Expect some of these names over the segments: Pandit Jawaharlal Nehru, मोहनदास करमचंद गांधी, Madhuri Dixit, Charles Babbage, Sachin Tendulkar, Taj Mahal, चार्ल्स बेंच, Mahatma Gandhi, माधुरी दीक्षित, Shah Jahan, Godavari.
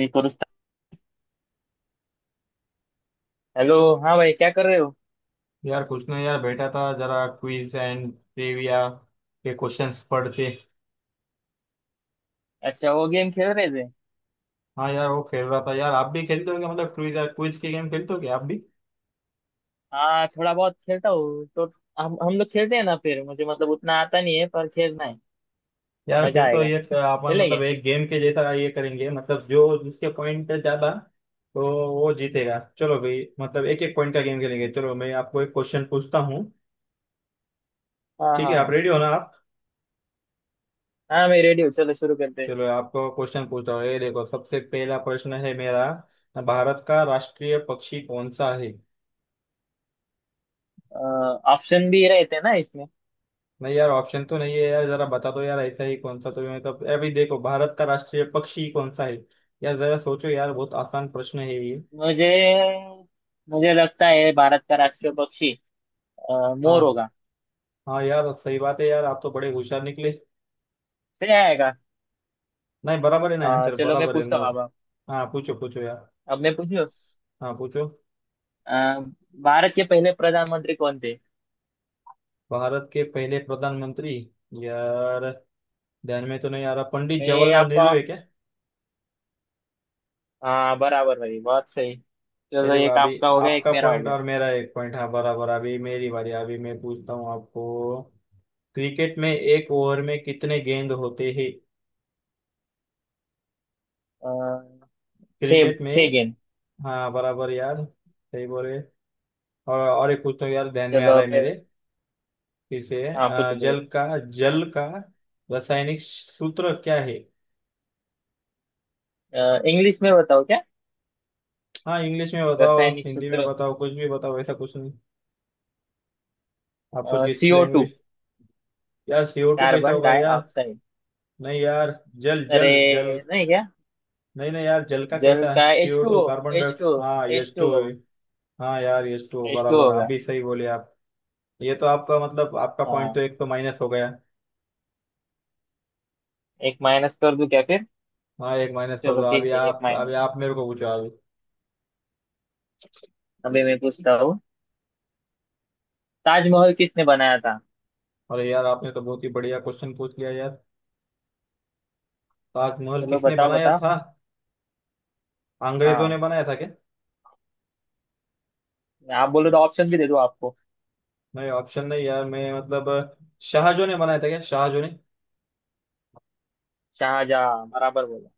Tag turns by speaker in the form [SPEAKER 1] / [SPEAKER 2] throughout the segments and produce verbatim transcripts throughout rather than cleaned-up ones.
[SPEAKER 1] निकोरस था। हेलो हाँ भाई क्या कर रहे हो।
[SPEAKER 2] यार कुछ नहीं यार, बैठा था जरा क्विज एंड ट्रिविया के क्वेश्चंस पढ़ते।
[SPEAKER 1] अच्छा वो गेम खेल रहे थे।
[SPEAKER 2] हाँ यार, वो खेल रहा था यार। आप भी खेलते हो क्या? मतलब क्विज, यार क्विज के गेम खेलते हो क्या आप भी?
[SPEAKER 1] हाँ थोड़ा बहुत खेलता हूँ तो हम हम लोग खेलते हैं ना। फिर मुझे मतलब उतना आता नहीं है पर खेलना है।
[SPEAKER 2] यार
[SPEAKER 1] मजा
[SPEAKER 2] फिर तो
[SPEAKER 1] आएगा।
[SPEAKER 2] ये अपन मतलब
[SPEAKER 1] खेलेंगे।
[SPEAKER 2] एक गेम के जैसा ये करेंगे, मतलब जो जिसके पॉइंट ज्यादा, तो वो जीतेगा। चलो भाई, मतलब एक एक पॉइंट का गेम खेलेंगे। चलो मैं आपको एक क्वेश्चन पूछता हूँ।
[SPEAKER 1] हाँ
[SPEAKER 2] ठीक है,
[SPEAKER 1] हाँ
[SPEAKER 2] आप
[SPEAKER 1] हाँ।
[SPEAKER 2] रेडी हो ना आप?
[SPEAKER 1] हाँ मैं रेडी हूँ चलो शुरू करते हैं।
[SPEAKER 2] चलो आपको क्वेश्चन पूछता हूँ, ये देखो सबसे पहला प्रश्न है मेरा। भारत का राष्ट्रीय पक्षी कौन सा है?
[SPEAKER 1] ऑप्शन भी रहते हैं ना इसमें।
[SPEAKER 2] नहीं यार, ऑप्शन तो नहीं है यार, जरा बता दो यार ऐसा ही। कौन सा, तो ये मतलब अभी देखो, भारत का राष्ट्रीय पक्षी कौन सा है? यार जरा सोचो यार, बहुत आसान प्रश्न है ये।
[SPEAKER 1] मुझे मुझे लगता है भारत का राष्ट्रीय पक्षी अ, मोर
[SPEAKER 2] हाँ।
[SPEAKER 1] होगा।
[SPEAKER 2] हाँ यार, सही बात है यार, आप तो बड़े होशियार निकले।
[SPEAKER 1] सही आएगा।
[SPEAKER 2] नहीं, बराबर है ना
[SPEAKER 1] अ,
[SPEAKER 2] आंसर?
[SPEAKER 1] चलो मैं
[SPEAKER 2] बराबर है,
[SPEAKER 1] पूछता हूँ
[SPEAKER 2] मोर।
[SPEAKER 1] अब।
[SPEAKER 2] हाँ पूछो पूछो यार।
[SPEAKER 1] अब मैं पूछू।
[SPEAKER 2] हाँ पूछो,
[SPEAKER 1] भारत के पहले प्रधानमंत्री कौन थे।
[SPEAKER 2] भारत के पहले प्रधानमंत्री। यार ध्यान में तो नहीं आ रहा, पंडित
[SPEAKER 1] मैं
[SPEAKER 2] जवाहरलाल
[SPEAKER 1] आपको।
[SPEAKER 2] नेहरू है क्या?
[SPEAKER 1] हाँ बराबर भाई बहुत सही।
[SPEAKER 2] ये
[SPEAKER 1] चलो
[SPEAKER 2] देखो
[SPEAKER 1] एक
[SPEAKER 2] अभी,
[SPEAKER 1] आपका हो गया एक
[SPEAKER 2] आपका
[SPEAKER 1] मेरा हो
[SPEAKER 2] पॉइंट
[SPEAKER 1] गया।
[SPEAKER 2] और मेरा एक पॉइंट। हाँ बराबर। अभी मेरी बारी, अभी मैं पूछता हूँ आपको। क्रिकेट में एक ओवर में कितने गेंद होते हैं?
[SPEAKER 1] अ, छः
[SPEAKER 2] क्रिकेट
[SPEAKER 1] छः
[SPEAKER 2] में।
[SPEAKER 1] गेंद।
[SPEAKER 2] हाँ बराबर यार, सही बोले। और और एक पूछता हूँ यार, ध्यान में आ
[SPEAKER 1] चलो
[SPEAKER 2] रहा
[SPEAKER 1] अब
[SPEAKER 2] है
[SPEAKER 1] मैं-
[SPEAKER 2] मेरे। फिर से
[SPEAKER 1] हाँ
[SPEAKER 2] अ,
[SPEAKER 1] पूछो पूछो।
[SPEAKER 2] जल का। जल का रासायनिक सूत्र क्या है?
[SPEAKER 1] इंग्लिश में बताओ क्या।
[SPEAKER 2] हाँ इंग्लिश में बताओ,
[SPEAKER 1] रासायनिक
[SPEAKER 2] हिंदी में
[SPEAKER 1] सूत्र।
[SPEAKER 2] बताओ, कुछ भी बताओ, ऐसा कुछ नहीं। आपको जिस
[SPEAKER 1] सीओ टू।
[SPEAKER 2] लैंग्वेज। यार सीओ टू कैसा
[SPEAKER 1] कार्बन
[SPEAKER 2] होगा यार?
[SPEAKER 1] डाइऑक्साइड।
[SPEAKER 2] नहीं यार, जल
[SPEAKER 1] अरे
[SPEAKER 2] जल जल।
[SPEAKER 1] नहीं क्या।
[SPEAKER 2] नहीं नहीं यार, जल का
[SPEAKER 1] जल
[SPEAKER 2] कैसा
[SPEAKER 1] का H
[SPEAKER 2] CO
[SPEAKER 1] two
[SPEAKER 2] two,
[SPEAKER 1] O.
[SPEAKER 2] Carbon
[SPEAKER 1] H two
[SPEAKER 2] dioxide?
[SPEAKER 1] O.
[SPEAKER 2] हाँ
[SPEAKER 1] H
[SPEAKER 2] H two.
[SPEAKER 1] Two O.
[SPEAKER 2] हाँ यार एच टू,
[SPEAKER 1] एच टू
[SPEAKER 2] बराबर। आप
[SPEAKER 1] होगा।
[SPEAKER 2] भी सही बोले आप। ये तो आपका मतलब आपका पॉइंट तो
[SPEAKER 1] हाँ।
[SPEAKER 2] एक तो माइनस हो गया।
[SPEAKER 1] एक माइनस कर दूं क्या फिर।
[SPEAKER 2] हाँ एक माइनस कर
[SPEAKER 1] चलो
[SPEAKER 2] दो। अभी
[SPEAKER 1] ठीक है एक
[SPEAKER 2] आप, अभी
[SPEAKER 1] माइनस।
[SPEAKER 2] आप मेरे को पूछो अभी।
[SPEAKER 1] अभी मैं पूछता हूँ। ताजमहल किसने बनाया था।
[SPEAKER 2] अरे यार, आपने तो बहुत ही बढ़िया क्वेश्चन पूछ लिया यार। ताजमहल
[SPEAKER 1] चलो
[SPEAKER 2] किसने
[SPEAKER 1] बताओ
[SPEAKER 2] बनाया
[SPEAKER 1] बताओ।
[SPEAKER 2] था? अंग्रेजों ने
[SPEAKER 1] हाँ।
[SPEAKER 2] बनाया था क्या?
[SPEAKER 1] आप बोलो तो ऑप्शन भी दे दूँ आपको।
[SPEAKER 2] नहीं ऑप्शन नहीं यार, मैं मतलब, शाहजहां ने बनाया था क्या, शाहजहां ने?
[SPEAKER 1] शाहजहाँ बराबर बोला।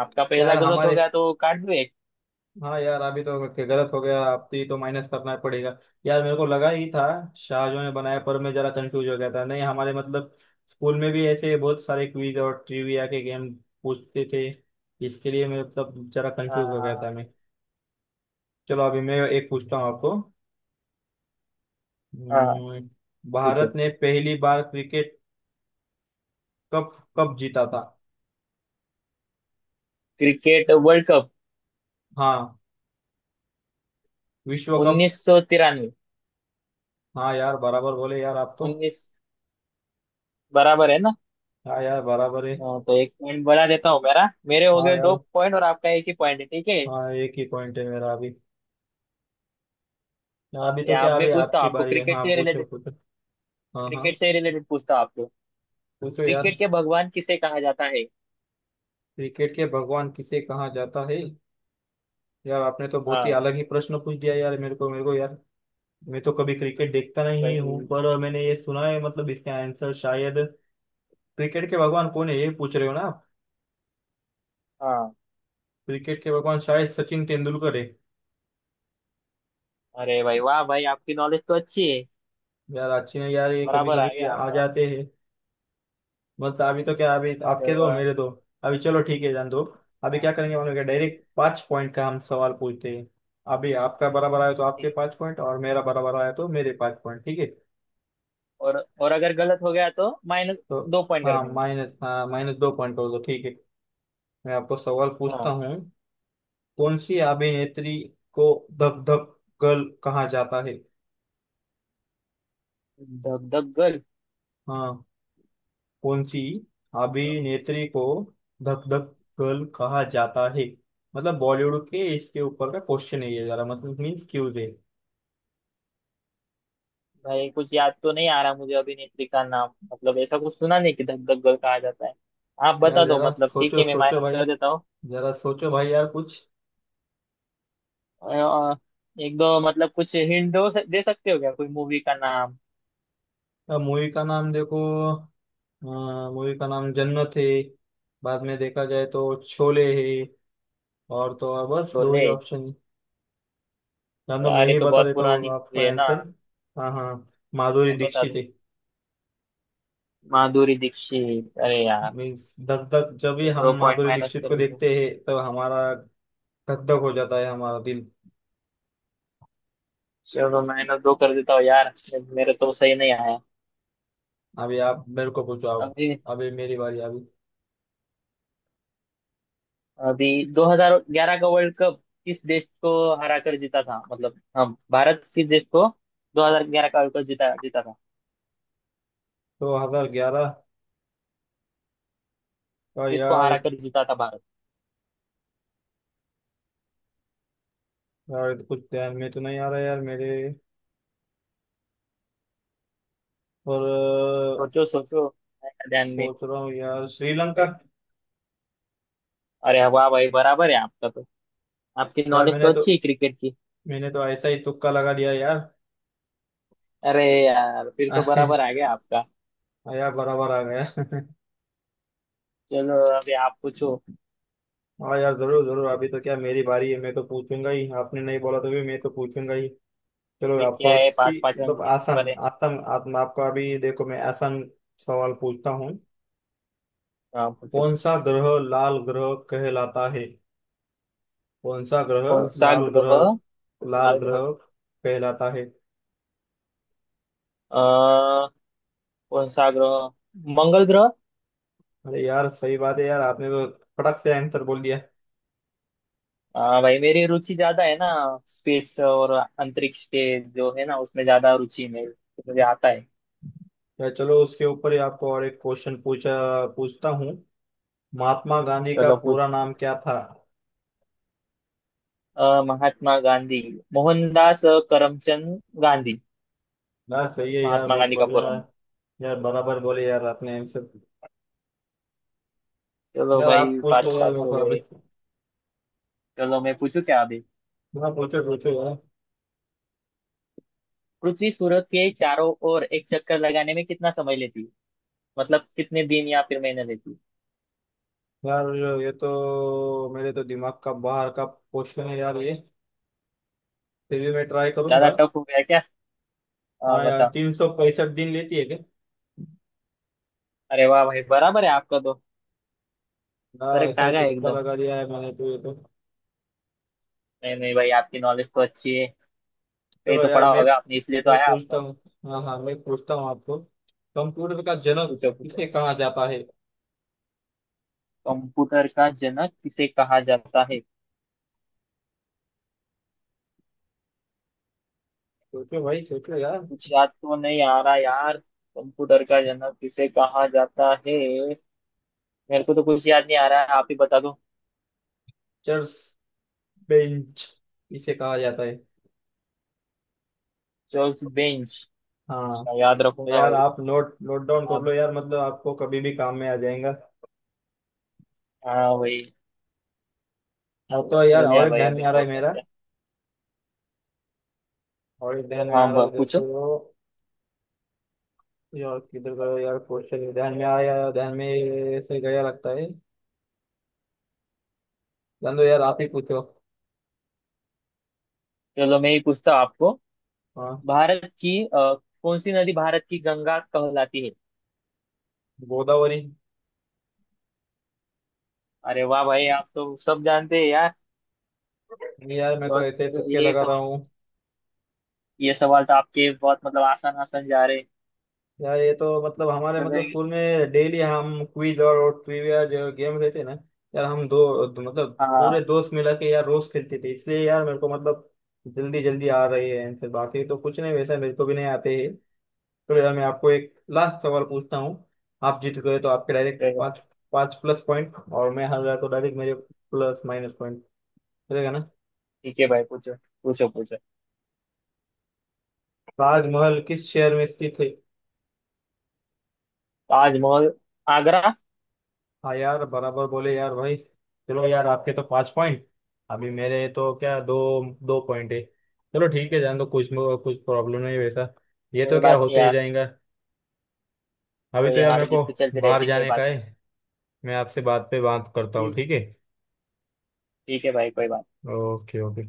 [SPEAKER 1] आपका पहला
[SPEAKER 2] यार
[SPEAKER 1] गलत हो
[SPEAKER 2] हमारे।
[SPEAKER 1] गया तो काट दो एक।
[SPEAKER 2] हाँ यार अभी तो ग- गलत हो गया, अब तो ये तो माइनस करना पड़ेगा। यार मेरे को लगा ही था शाहजहां ने बनाया, पर मैं जरा कंफ्यूज हो गया था। नहीं हमारे मतलब, स्कूल में भी ऐसे बहुत सारे क्विज और ट्रिविया के गेम पूछते थे, इसके लिए मैं मतलब जरा कंफ्यूज हो गया था
[SPEAKER 1] हाँ।
[SPEAKER 2] मैं। चलो अभी मैं एक पूछता हूँ आपको।
[SPEAKER 1] हाँ,
[SPEAKER 2] हम्म, भारत
[SPEAKER 1] पूछो।
[SPEAKER 2] ने पहली बार क्रिकेट कप कब जीता था?
[SPEAKER 1] Cricket world cup.
[SPEAKER 2] हाँ विश्व कप।
[SPEAKER 1] उन्नीस सौ तिरानवे।
[SPEAKER 2] हाँ यार, बराबर बोले यार आप तो।
[SPEAKER 1] उन्नीस बराबर है ना।
[SPEAKER 2] हाँ यार बराबर है।
[SPEAKER 1] हाँ, तो एक पॉइंट बढ़ा देता हूँ मेरा। मेरे हो
[SPEAKER 2] हाँ
[SPEAKER 1] गए दो
[SPEAKER 2] यार।
[SPEAKER 1] पॉइंट और आपका एक ही पॉइंट है ठीक है।
[SPEAKER 2] हाँ, एक ही पॉइंट है मेरा अभी। हाँ, अभी तो
[SPEAKER 1] या अब
[SPEAKER 2] क्या, अभी
[SPEAKER 1] मैं पूछता हूँ
[SPEAKER 2] आपकी
[SPEAKER 1] आपको
[SPEAKER 2] बारी है।
[SPEAKER 1] क्रिकेट
[SPEAKER 2] हाँ
[SPEAKER 1] से
[SPEAKER 2] पूछो
[SPEAKER 1] रिलेटेड।
[SPEAKER 2] कुछ। हाँ
[SPEAKER 1] क्रिकेट
[SPEAKER 2] हाँ,
[SPEAKER 1] से रिलेटेड पूछता हूँ आपको।
[SPEAKER 2] पूछो यार।
[SPEAKER 1] क्रिकेट के भगवान किसे कहा जाता है।
[SPEAKER 2] क्रिकेट के भगवान किसे कहा जाता है? यार आपने तो बहुत ही
[SPEAKER 1] हाँ
[SPEAKER 2] अलग ही प्रश्न पूछ दिया यार, मेरे को मेरे को यार। मैं तो कभी क्रिकेट देखता नहीं हूँ,
[SPEAKER 1] भाई।
[SPEAKER 2] पर मैंने ये सुना है, मतलब इसका आंसर शायद, क्रिकेट के भगवान कौन है ये पूछ रहे हो ना आप?
[SPEAKER 1] हाँ।
[SPEAKER 2] क्रिकेट के भगवान शायद सचिन तेंदुलकर है।
[SPEAKER 1] अरे भाई वाह भाई आपकी नॉलेज तो अच्छी है।
[SPEAKER 2] यार अच्छी नहीं यार, ये कभी
[SPEAKER 1] बराबर आ
[SPEAKER 2] कभी
[SPEAKER 1] गया
[SPEAKER 2] आ
[SPEAKER 1] आपका।
[SPEAKER 2] जाते हैं बस। अभी तो क्या, अभी आपके दो,
[SPEAKER 1] चलो।
[SPEAKER 2] मेरे दो। अभी चलो ठीक है जान दो। अभी
[SPEAKER 1] हाँ,
[SPEAKER 2] क्या करेंगे, हम लोग डायरेक्ट पांच पॉइंट का हम सवाल पूछते हैं। अभी आपका बराबर आया तो आपके
[SPEAKER 1] ठीक है।
[SPEAKER 2] पांच पॉइंट, और मेरा बराबर आया तो मेरे पांच पॉइंट, ठीक है?
[SPEAKER 1] और और अगर गलत हो गया तो माइनस
[SPEAKER 2] तो
[SPEAKER 1] दो पॉइंट कर
[SPEAKER 2] हाँ
[SPEAKER 1] देंगे।
[SPEAKER 2] माइनस, हाँ माइनस दो पॉइंट हो तो ठीक है। मैं आपको सवाल पूछता
[SPEAKER 1] हाँ।
[SPEAKER 2] हूँ। कौन सी अभिनेत्री को धक धक गर्ल कहा जाता है?
[SPEAKER 1] धक धक गर्ल।
[SPEAKER 2] हाँ, कौन सी अभिनेत्री को धक धक गर्ल कहा जाता है? मतलब बॉलीवुड के, इसके ऊपर का क्वेश्चन है ये, जरा मतलब मीन्स क्यूज है।
[SPEAKER 1] भाई कुछ याद तो नहीं आ रहा मुझे अभिनेत्री का नाम मतलब ऐसा कुछ सुना नहीं कि धक धक गर्ल कहा जाता है। आप
[SPEAKER 2] यार
[SPEAKER 1] बता दो
[SPEAKER 2] जरा
[SPEAKER 1] मतलब ठीक
[SPEAKER 2] सोचो
[SPEAKER 1] है मैं
[SPEAKER 2] सोचो
[SPEAKER 1] माइनस
[SPEAKER 2] भाई,
[SPEAKER 1] कर देता हूँ।
[SPEAKER 2] जरा सोचो भाई यार कुछ।
[SPEAKER 1] अ, एक दो मतलब कुछ हिंट दो दे सकते हो क्या कोई मूवी का नाम।
[SPEAKER 2] मूवी का नाम देखो, मूवी का नाम जन्नत है, बाद में देखा जाए तो शोले है, और तो और बस
[SPEAKER 1] तो
[SPEAKER 2] दो
[SPEAKER 1] ले।
[SPEAKER 2] ही ऑप्शन, या तो मैं
[SPEAKER 1] यार ये
[SPEAKER 2] ही
[SPEAKER 1] तो
[SPEAKER 2] बता
[SPEAKER 1] बहुत
[SPEAKER 2] देता हूँ
[SPEAKER 1] पुरानी
[SPEAKER 2] आपको
[SPEAKER 1] मूवी है ना।
[SPEAKER 2] आंसर। हाँ हाँ, माधुरी
[SPEAKER 1] अब बता
[SPEAKER 2] दीक्षित
[SPEAKER 1] दो।
[SPEAKER 2] है।
[SPEAKER 1] माधुरी दीक्षित अरे यार।
[SPEAKER 2] मीन्स धक धक, जब भी
[SPEAKER 1] चलो
[SPEAKER 2] हम
[SPEAKER 1] दो पॉइंट
[SPEAKER 2] माधुरी
[SPEAKER 1] माइनस
[SPEAKER 2] दीक्षित
[SPEAKER 1] कर
[SPEAKER 2] को
[SPEAKER 1] देता हूँ।
[SPEAKER 2] देखते हैं तब हमारा धक धक हो जाता है हमारा दिल।
[SPEAKER 1] चलो माइनस दो कर देता हूँ यार। मेरे तो सही नहीं आया।
[SPEAKER 2] अभी आप मेरे को पूछो आप।
[SPEAKER 1] अभी।
[SPEAKER 2] अभी मेरी बारी अभी।
[SPEAKER 1] अभी। दो हज़ार ग्यारह का वर्ल्ड कप किस देश को हरा कर जीता था मतलब हाँ। भारत किस देश को दो हज़ार ग्यारह का वर्ल्ड कप जीता जीता था।
[SPEAKER 2] दो हज़ार ग्यारह का
[SPEAKER 1] किसको
[SPEAKER 2] यार।
[SPEAKER 1] हरा कर जीता था भारत।
[SPEAKER 2] यार ये तो कुछ ध्यान में तो नहीं आ रहा यार मेरे। और अ,
[SPEAKER 1] सोचो सोचो। आया ध्यान में।
[SPEAKER 2] सोच रहा हूँ यार, श्रीलंका।
[SPEAKER 1] अरे वाह भाई बराबर है आपका तो। आपकी
[SPEAKER 2] यार
[SPEAKER 1] नॉलेज तो
[SPEAKER 2] मैंने तो
[SPEAKER 1] अच्छी है क्रिकेट की।
[SPEAKER 2] मैंने तो ऐसा ही तुक्का लगा दिया यार।
[SPEAKER 1] अरे यार फिर तो बराबर आ गया आपका।
[SPEAKER 2] यार बराबर आ गया।
[SPEAKER 1] चलो अभी आप पूछो।
[SPEAKER 2] हाँ यार जरूर जरूर, अभी तो क्या, मेरी बारी है, मैं तो पूछूंगा ही, आपने नहीं बोला तो भी मैं तो पूछूंगा ही। चलो
[SPEAKER 1] अभी क्या
[SPEAKER 2] आपको
[SPEAKER 1] है
[SPEAKER 2] सी
[SPEAKER 1] पांच पांच रंग
[SPEAKER 2] मतलब
[SPEAKER 1] के
[SPEAKER 2] आसान
[SPEAKER 1] नंबर है।
[SPEAKER 2] आसान। आप, आपको अभी देखो मैं आसान सवाल पूछता हूँ।
[SPEAKER 1] हाँ पूछो।
[SPEAKER 2] कौन सा ग्रह लाल ग्रह कहलाता है? कौन सा ग्रह,
[SPEAKER 1] कौन सा
[SPEAKER 2] लाल ग्रह,
[SPEAKER 1] ग्रह
[SPEAKER 2] लाल
[SPEAKER 1] लाल ग्रह।
[SPEAKER 2] ग्रह कहलाता है?
[SPEAKER 1] अ, कौन सा ग्रह मंगल ग्रह।
[SPEAKER 2] अरे यार सही बात है यार, आपने तो फटक से आंसर बोल दिया।
[SPEAKER 1] हाँ भाई मेरी रुचि ज्यादा है ना स्पेस और अंतरिक्ष के जो है ना उसमें ज्यादा रुचि है मेरी तो मुझे आता है।
[SPEAKER 2] यार चलो उसके ऊपर ही आपको और एक क्वेश्चन पूछा, पूछता हूँ। महात्मा गांधी का
[SPEAKER 1] चलो
[SPEAKER 2] पूरा
[SPEAKER 1] पूछो
[SPEAKER 2] नाम
[SPEAKER 1] पूछो।
[SPEAKER 2] क्या था?
[SPEAKER 1] अ, महात्मा गांधी मोहनदास करमचंद गांधी।
[SPEAKER 2] यार सही है यार,
[SPEAKER 1] महात्मा
[SPEAKER 2] बहुत
[SPEAKER 1] गांधी का
[SPEAKER 2] बढ़िया
[SPEAKER 1] पूरा
[SPEAKER 2] है।
[SPEAKER 1] नाम।
[SPEAKER 2] यार बराबर बोले यार, आपने आंसर।
[SPEAKER 1] चलो
[SPEAKER 2] यार आप
[SPEAKER 1] भाई
[SPEAKER 2] पूछ
[SPEAKER 1] पास
[SPEAKER 2] लो यार
[SPEAKER 1] पास
[SPEAKER 2] मेरे
[SPEAKER 1] हो
[SPEAKER 2] को अभी।
[SPEAKER 1] गए। चलो मैं पूछू क्या अभी।
[SPEAKER 2] हाँ पूछो पूछो
[SPEAKER 1] पृथ्वी सूरज के चारों ओर एक चक्कर लगाने में कितना समय लेती है। मतलब कितने दिन या फिर महीने लेती है।
[SPEAKER 2] यार। यार ये तो मेरे तो दिमाग का बाहर का क्वेश्चन है यार ये। फिर भी मैं ट्राई
[SPEAKER 1] ज्यादा
[SPEAKER 2] करूंगा।
[SPEAKER 1] टफ हो गया क्या। अ,
[SPEAKER 2] हाँ यार
[SPEAKER 1] बताओ।
[SPEAKER 2] तीन सौ पैंसठ दिन लेती है क्या?
[SPEAKER 1] अरे वाह भाई बराबर है आपका तो।
[SPEAKER 2] यार
[SPEAKER 1] करेक्ट
[SPEAKER 2] ऐसा
[SPEAKER 1] आ
[SPEAKER 2] ही
[SPEAKER 1] गया
[SPEAKER 2] तुक्का
[SPEAKER 1] एकदम।
[SPEAKER 2] लगा दिया है मैंने तो ये तो।
[SPEAKER 1] नहीं नहीं भाई आपकी नॉलेज तो अच्छी है। ये
[SPEAKER 2] चलो
[SPEAKER 1] तो
[SPEAKER 2] यार
[SPEAKER 1] पढ़ा
[SPEAKER 2] मैं
[SPEAKER 1] होगा आपने इसलिए तो
[SPEAKER 2] मैं
[SPEAKER 1] आया
[SPEAKER 2] पूछता
[SPEAKER 1] आपका।
[SPEAKER 2] हूँ। हाँ हाँ मैं पूछता हूँ आपको। कंप्यूटर का जनक
[SPEAKER 1] पूछो पूछो।
[SPEAKER 2] किसे कहा जाता है?
[SPEAKER 1] कंप्यूटर का जनक किसे कहा जाता है।
[SPEAKER 2] सोचो भाई सोचो यार,
[SPEAKER 1] कुछ याद तो नहीं आ रहा यार कंप्यूटर का जनक किसे कहा जाता है। मेरे को तो कुछ याद नहीं आ रहा है आप ही बता दो।
[SPEAKER 2] चर्च बेंच किसे कहा जाता है।
[SPEAKER 1] चार्ल्स बेंच। अच्छा,
[SPEAKER 2] हाँ।
[SPEAKER 1] याद रखूंगा
[SPEAKER 2] यार
[SPEAKER 1] भाई।
[SPEAKER 2] आप नोट नोट डाउन कर
[SPEAKER 1] आप।
[SPEAKER 2] लो यार, मतलब आपको कभी भी काम में आ जाएगा।
[SPEAKER 1] हाँ भाई।
[SPEAKER 2] और तो यार
[SPEAKER 1] कर
[SPEAKER 2] और
[SPEAKER 1] लिया
[SPEAKER 2] एक
[SPEAKER 1] भाई
[SPEAKER 2] ध्यान
[SPEAKER 1] अभी
[SPEAKER 2] में आ रहा है
[SPEAKER 1] नोट कर
[SPEAKER 2] मेरा।
[SPEAKER 1] लिया।
[SPEAKER 2] और एक ध्यान में
[SPEAKER 1] हाँ
[SPEAKER 2] आ रहा
[SPEAKER 1] ब-
[SPEAKER 2] है
[SPEAKER 1] पूछो।
[SPEAKER 2] देखो। यार किधर गया यार क्वेश्चन, ध्यान में आया, ध्यान में ऐसे गया लगता है। जान दो यार, आप ही पूछो।
[SPEAKER 1] चलो मैं ही पूछता हूँ आपको।
[SPEAKER 2] हाँ
[SPEAKER 1] भारत की अ, कौन सी नदी भारत की गंगा कहलाती है।
[SPEAKER 2] गोदावरी।
[SPEAKER 1] अरे वाह भाई आप तो सब जानते हैं यार।
[SPEAKER 2] नहीं यार, मैं तो
[SPEAKER 1] बहुत।
[SPEAKER 2] ऐसे तुक्के
[SPEAKER 1] ये
[SPEAKER 2] लगा रहा
[SPEAKER 1] सवाल।
[SPEAKER 2] हूँ।
[SPEAKER 1] ये सवाल तो आपके बहुत मतलब आसान आसान जा रहे हैं।
[SPEAKER 2] यार ये तो मतलब हमारे
[SPEAKER 1] चलो
[SPEAKER 2] मतलब
[SPEAKER 1] ये-
[SPEAKER 2] स्कूल में डेली हम क्विज और, और ट्रिविया जो गेम रहते हैं ना, यार हम दो, दो मतलब पूरे
[SPEAKER 1] हाँ।
[SPEAKER 2] दोस्त मिला के यार रोज खेलते थे, इसलिए यार मेरे को मतलब जल्दी जल्दी आ रही है आंसर, बाकी तो कुछ नहीं वैसा मेरे को भी नहीं आते हैं। तो यार मैं आपको एक लास्ट सवाल पूछता हूँ। आप जीत गए तो आपके डायरेक्ट
[SPEAKER 1] चलो,
[SPEAKER 2] पाँच, पाँच प्लस पॉइंट, और मैं हार गया तो डायरेक्ट मेरे प्लस माइनस पॉइंट रहेगा ना।
[SPEAKER 1] ठीक है भाई पूछो पूछो पूछो।
[SPEAKER 2] ताजमहल किस शहर में स्थित है?
[SPEAKER 1] ताजमहल। आगरा।
[SPEAKER 2] हाँ यार बराबर बोले यार भाई। चलो यार, आपके तो पांच पॉइंट, अभी मेरे तो क्या दो दो पॉइंट है। चलो ठीक है जान दो, कुछ कुछ प्रॉब्लम नहीं वैसा, ये तो
[SPEAKER 1] कोई
[SPEAKER 2] क्या
[SPEAKER 1] बात नहीं
[SPEAKER 2] होते ही
[SPEAKER 1] यार।
[SPEAKER 2] जाएगा। अभी
[SPEAKER 1] वो
[SPEAKER 2] तो
[SPEAKER 1] ये
[SPEAKER 2] यार मेरे
[SPEAKER 1] हार
[SPEAKER 2] को
[SPEAKER 1] जीत तो चलती
[SPEAKER 2] बाहर
[SPEAKER 1] रहती कोई
[SPEAKER 2] जाने का
[SPEAKER 1] बात नहीं।
[SPEAKER 2] है। मैं आपसे बात पे बात करता हूँ
[SPEAKER 1] ठीक।
[SPEAKER 2] ठीक है?
[SPEAKER 1] ठीक है भाई कोई बात।
[SPEAKER 2] Okay okay.